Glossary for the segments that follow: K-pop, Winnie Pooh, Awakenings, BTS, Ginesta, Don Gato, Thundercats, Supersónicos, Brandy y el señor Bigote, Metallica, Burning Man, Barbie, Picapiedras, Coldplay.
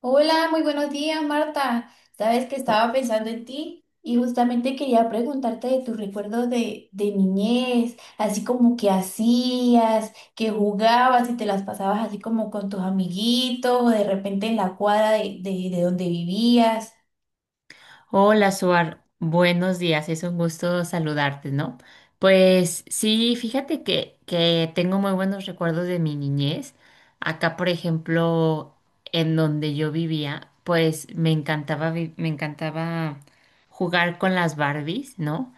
Hola, muy buenos días, Marta. Sabes que estaba pensando en ti y justamente quería preguntarte de tus recuerdos de niñez, así como qué hacías, qué jugabas y te las pasabas así como con tus amiguitos o de repente en la cuadra de donde vivías. Hola, Suar. Buenos días. Es un gusto saludarte, ¿no? Pues sí, fíjate que tengo muy buenos recuerdos de mi niñez. Acá, por ejemplo, en donde yo vivía, pues me encantaba jugar con las Barbies, ¿no?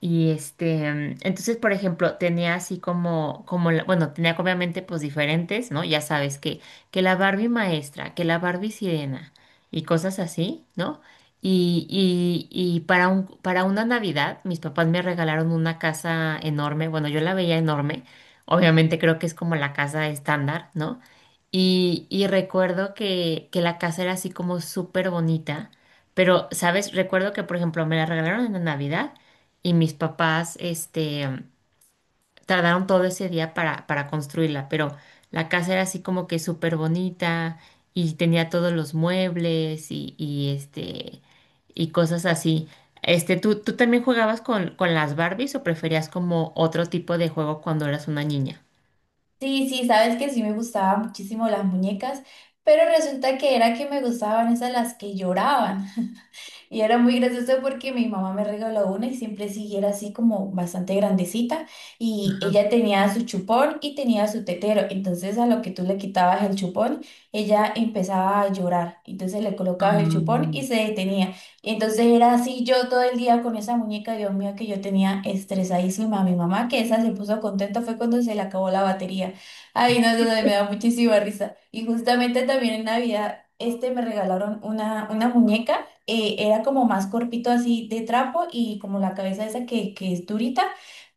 Y entonces, por ejemplo, tenía así bueno, tenía obviamente pues diferentes, ¿no? Ya sabes que la Barbie maestra, que la Barbie sirena y cosas así, ¿no? Y para una Navidad, mis papás me regalaron una casa enorme. Bueno, yo la veía enorme. Obviamente creo que es como la casa estándar, ¿no? Y recuerdo que la casa era así como súper bonita. Pero, ¿sabes? Recuerdo que, por ejemplo, me la regalaron en la Navidad y mis papás, tardaron todo ese día para construirla, pero la casa era así como que súper bonita y tenía todos los muebles y y cosas así. ¿Tú también jugabas con las Barbies o preferías como otro tipo de juego cuando eras una niña? Sí, sí, sabes que sí me gustaban muchísimo las muñecas, pero resulta que era que me gustaban esas las que lloraban. Y era muy gracioso porque mi mamá me regaló una y siempre sí era así como bastante grandecita y Ajá. ella tenía su chupón y tenía su tetero. Entonces a lo que tú le quitabas el chupón, ella empezaba a llorar. Entonces le colocabas el Ah, chupón y se detenía. Entonces era así yo todo el día con esa muñeca, Dios mío, que yo tenía estresadísima a mi mamá, que esa se puso contenta fue cuando se le acabó la batería. Ay, no, eso me da muchísima risa. Y justamente también en Navidad, este me regalaron una muñeca era como más corpito así de trapo y como la cabeza esa que es durita,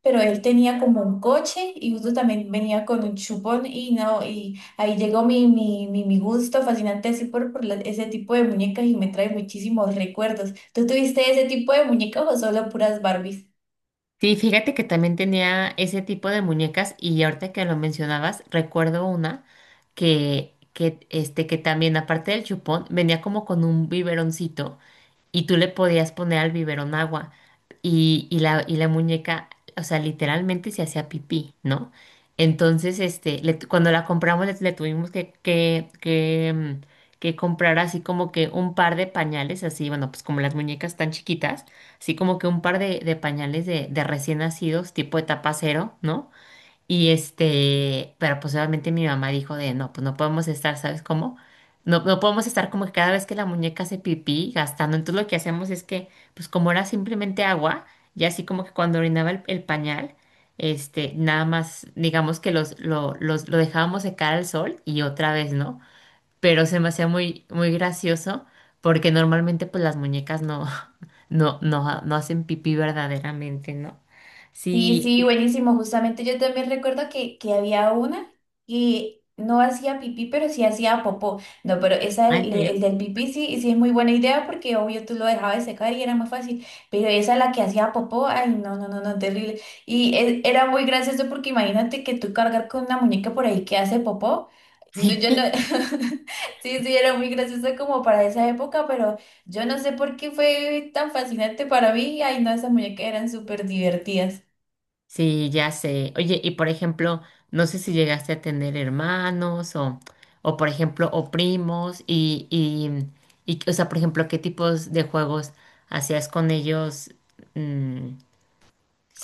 pero él tenía como un coche y justo también venía con un chupón y no, y ahí llegó mi gusto fascinante así por ese tipo de muñecas y me trae muchísimos recuerdos. ¿Tú tuviste ese tipo de muñecas o solo puras Barbies? sí, fíjate que también tenía ese tipo de muñecas y ahorita que lo mencionabas, recuerdo una que también aparte del chupón venía como con un biberoncito y tú le podías poner al biberón agua y la muñeca, o sea, literalmente se hacía pipí, ¿no? Entonces, cuando la compramos le tuvimos que comprar así como que un par de pañales, así, bueno, pues como las muñecas tan chiquitas así como que un par de pañales de recién nacidos, tipo etapa cero, ¿no? Pero pues obviamente mi mamá dijo de, no, pues no podemos estar, ¿sabes cómo? No, no podemos estar como que cada vez que la muñeca hace pipí gastando. Entonces lo que hacemos es que, pues como era simplemente agua, y así como que cuando orinaba el pañal, nada más, digamos que lo dejábamos secar al sol y otra vez, ¿no? Pero se me hacía muy, muy gracioso porque normalmente pues las muñecas no, no, no, no hacen pipí verdaderamente, ¿no? Sí, Sí. sí, buenísimo. Justamente yo también recuerdo que había una que no hacía pipí, pero sí hacía popó. No, pero esa, Ah, ¿en el, serio? el del pipí sí, sí es muy buena idea porque obvio tú lo dejabas de secar y era más fácil. Pero esa, la que hacía popó, ay, no, no, no, no, terrible. Y era muy gracioso porque imagínate que tú cargar con una muñeca por ahí que hace popó. No, yo no, Sí. sí, sí, era muy gracioso como para esa época, pero yo no sé por qué fue tan fascinante para mí. Ay, no, esas muñecas eran súper divertidas. Sí, ya sé. Oye, y por ejemplo, no sé si llegaste a tener hermanos o por ejemplo, o primos y, o sea, por ejemplo, ¿qué tipos de juegos hacías con ellos? Mm,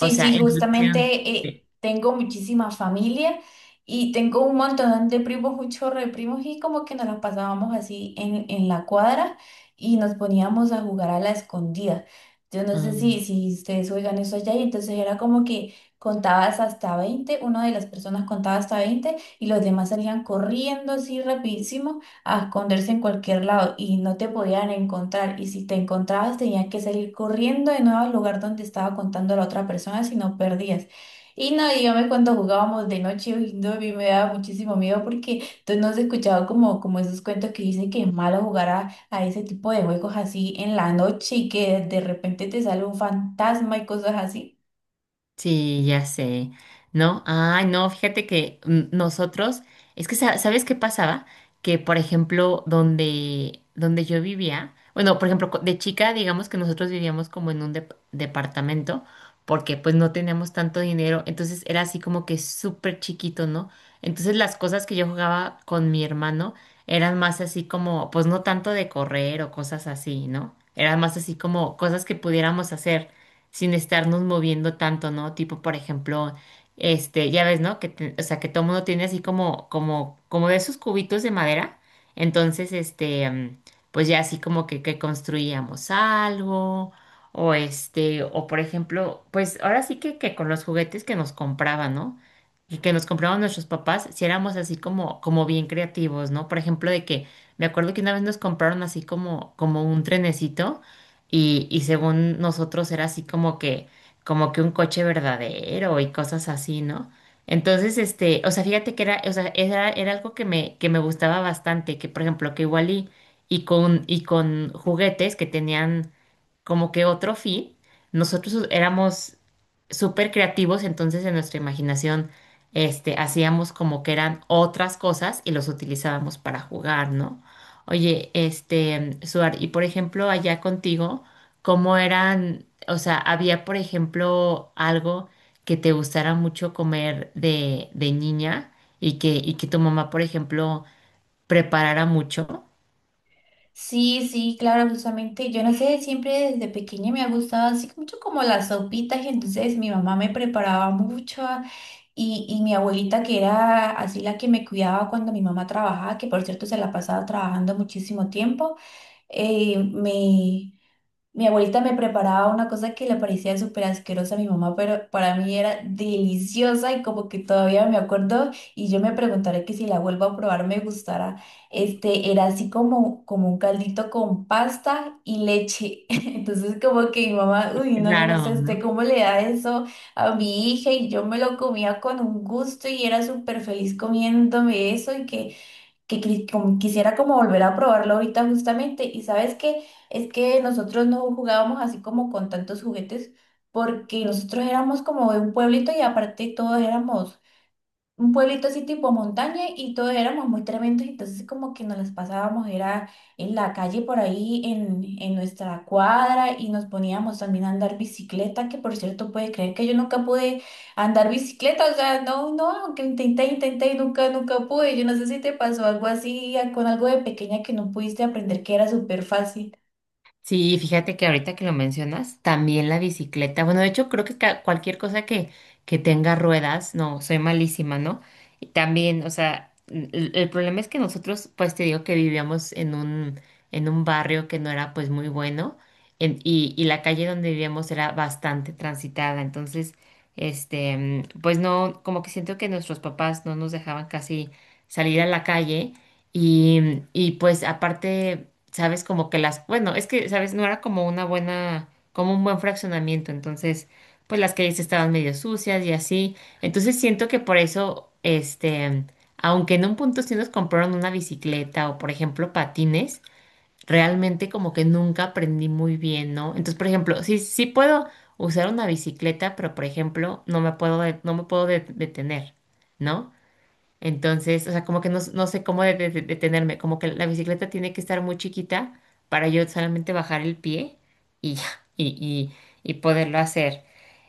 o sea, sí, en relación. justamente Sí. tengo muchísima familia y tengo un montón de primos, un chorro de primos y como que nos las pasábamos así en la cuadra y nos poníamos a jugar a la escondida. Yo no sé si ustedes oigan eso allá y entonces era como que contabas hasta 20 una de las personas contaba hasta 20 y los demás salían corriendo así rapidísimo a esconderse en cualquier lado y no te podían encontrar. Y si te encontrabas, tenías que salir corriendo de nuevo al lugar donde estaba contando la otra persona, si no perdías. Y no, dígame cuando jugábamos de noche, uy, no, a mí me daba muchísimo miedo porque entonces no se escuchaba como, como esos cuentos que dicen que es malo jugar a ese tipo de juegos así en la noche y que de repente te sale un fantasma y cosas así. Sí, ya sé. No, ay, no, fíjate que mm, nosotros, es que sa- ¿Sabes qué pasaba? Que, por ejemplo, donde yo vivía, bueno, por ejemplo, de chica, digamos que nosotros vivíamos como en un departamento, porque pues no teníamos tanto dinero, entonces era así como que súper chiquito, ¿no? Entonces las cosas que yo jugaba con mi hermano eran más así como, pues no tanto de correr o cosas así, ¿no? Eran más así como cosas que pudiéramos hacer sin estarnos moviendo tanto, ¿no? Tipo, por ejemplo, ya ves, ¿no? Que, o sea, que todo mundo tiene así como de esos cubitos de madera. Entonces, pues ya así como que construíamos algo, o o por ejemplo, pues ahora sí que con los juguetes que nos compraban, ¿no? Y que nos compraban nuestros papás, si éramos así como bien creativos, ¿no? Por ejemplo, de que me acuerdo que una vez nos compraron así como un trenecito y según nosotros era así como que un coche verdadero y cosas así, ¿no? Entonces, o sea, fíjate que era, o sea, era, era algo que me gustaba bastante, que por ejemplo, que igual y con juguetes que tenían como que otro fin, nosotros éramos súper creativos, entonces en nuestra imaginación, hacíamos como que eran otras cosas y los utilizábamos para jugar, ¿no? Oye, Suar, y por ejemplo, allá contigo, ¿cómo eran? O sea, ¿había, por ejemplo, algo que te gustara mucho comer de niña y que tu mamá, por ejemplo, preparara mucho? Sí, sí, claro, justamente. Yo no sé, siempre desde pequeña me ha gustado así mucho como las sopitas y entonces mi mamá me preparaba mucho y mi abuelita que era así la que me cuidaba cuando mi mamá trabajaba, que por cierto se la pasaba trabajando muchísimo tiempo, eh, me, mi abuelita me preparaba una cosa que le parecía súper asquerosa a mi mamá, pero para mí era deliciosa y como que todavía me acuerdo y yo me preguntaré que si la vuelvo a probar me gustará. Este, era así como, como un caldito con pasta y leche. Entonces como que mi mamá, uy, Qué no, yo no raro, sé este, ¿no? cómo le da eso a mi hija y yo me lo comía con un gusto y era súper feliz comiéndome eso y como quisiera como volver a probarlo ahorita justamente. Y sabes que es que nosotros no jugábamos así como con tantos juguetes porque nosotros éramos como de un pueblito y aparte todos éramos un pueblito así tipo montaña y todos éramos muy tremendos, entonces como que nos las pasábamos, era en la calle por ahí, en nuestra cuadra y nos poníamos también a andar bicicleta, que por cierto puede creer que yo nunca pude andar bicicleta, o sea, no, no, aunque intenté, intenté y nunca, nunca pude, yo no sé si te pasó algo así con algo de pequeña que no pudiste aprender que era súper fácil. Sí, fíjate que ahorita que lo mencionas, también la bicicleta. Bueno, de hecho, creo que cualquier cosa que tenga ruedas, no, soy malísima, ¿no? Y también, o sea, el problema es que nosotros, pues te digo que vivíamos en un barrio que no era pues muy bueno y la calle donde vivíamos era bastante transitada. Entonces, pues no, como que siento que nuestros papás no nos dejaban casi salir a la calle. Y pues aparte, sabes, como que bueno, es que, sabes, no era como como un buen fraccionamiento, entonces, pues las calles estaban medio sucias y así. Entonces siento que por eso, aunque en un punto sí nos compraron una bicicleta o, por ejemplo, patines, realmente como que nunca aprendí muy bien, ¿no? Entonces, por ejemplo, sí, sí puedo usar una bicicleta, pero, por ejemplo, no me puedo detener, ¿no? Entonces, o sea, como que no, no sé cómo detenerme, como que la bicicleta tiene que estar muy chiquita para yo solamente bajar el pie y ya, y, y, y, poderlo hacer.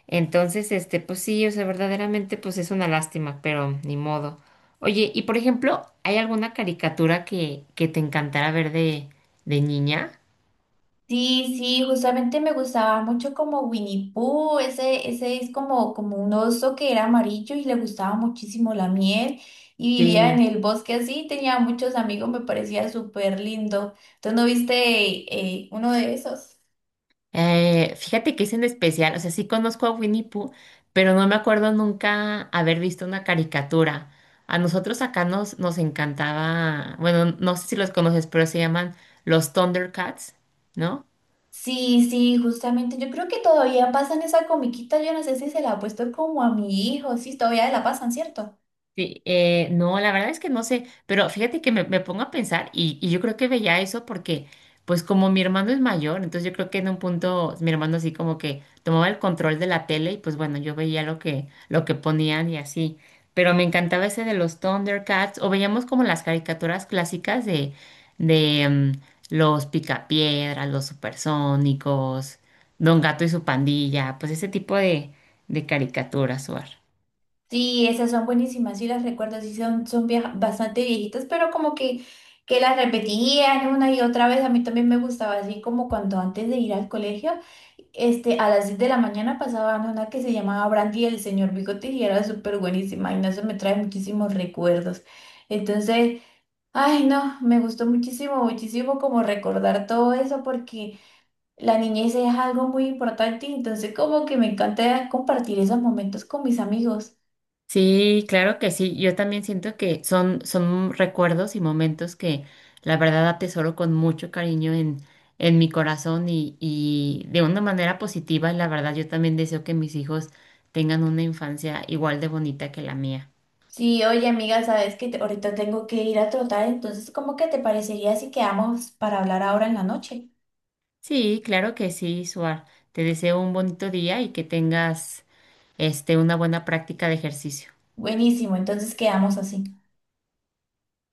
Entonces, pues sí, o sea, verdaderamente, pues es una lástima, pero ni modo. Oye, y por ejemplo, ¿hay alguna caricatura que te encantara ver de niña? Sí, sí, justamente me gustaba mucho como Winnie Pooh, ese es como, como un oso que era amarillo y le gustaba muchísimo la miel y vivía en Sí. el bosque así, tenía muchos amigos, me parecía súper lindo. ¿Tú no viste uno de esos? Fíjate que es en especial, o sea, sí conozco a Winnie Pooh, pero no me acuerdo nunca haber visto una caricatura. A nosotros acá nos encantaba, bueno, no sé si los conoces, pero se llaman los Thundercats, ¿no? Sí, sí, justamente, yo creo que todavía pasan esa comiquita, yo no sé si se la ha puesto como a mi hijo, sí, todavía la pasan, ¿cierto? Sí, no, la verdad es que no sé, pero fíjate que me pongo a pensar y yo creo que veía eso porque, pues como mi hermano es mayor, entonces yo creo que en un punto mi hermano así como que tomaba el control de la tele y pues bueno, yo veía lo que ponían y así, pero me encantaba ese de los Thundercats o veíamos como las caricaturas clásicas de los Picapiedras, los Supersónicos, Don Gato y su pandilla, pues ese tipo de caricaturas, Suar. Sí, esas son buenísimas, sí las recuerdo, sí son, bastante viejitas, pero como que las repetían una y otra vez, a mí también me gustaba, así como cuando antes de ir al colegio, a las 10 de la mañana pasaban una que se llamaba Brandy y el señor Bigote y era súper buenísima, y no se me trae muchísimos recuerdos. Entonces, ay no, me gustó muchísimo, muchísimo como recordar todo eso porque la niñez es algo muy importante, y entonces como que me encanta compartir esos momentos con mis amigos. Sí, claro que sí. Yo también siento que son recuerdos y momentos que la verdad atesoro con mucho cariño en mi corazón y de una manera positiva. Y la verdad, yo también deseo que mis hijos tengan una infancia igual de bonita que la mía. Sí, oye amiga, sabes que ahorita tengo que ir a trotar, entonces ¿cómo que te parecería si quedamos para hablar ahora en la noche? Sí, claro que sí, Suar. Te deseo un bonito día y que tengas una buena práctica de ejercicio. Buenísimo, entonces quedamos así.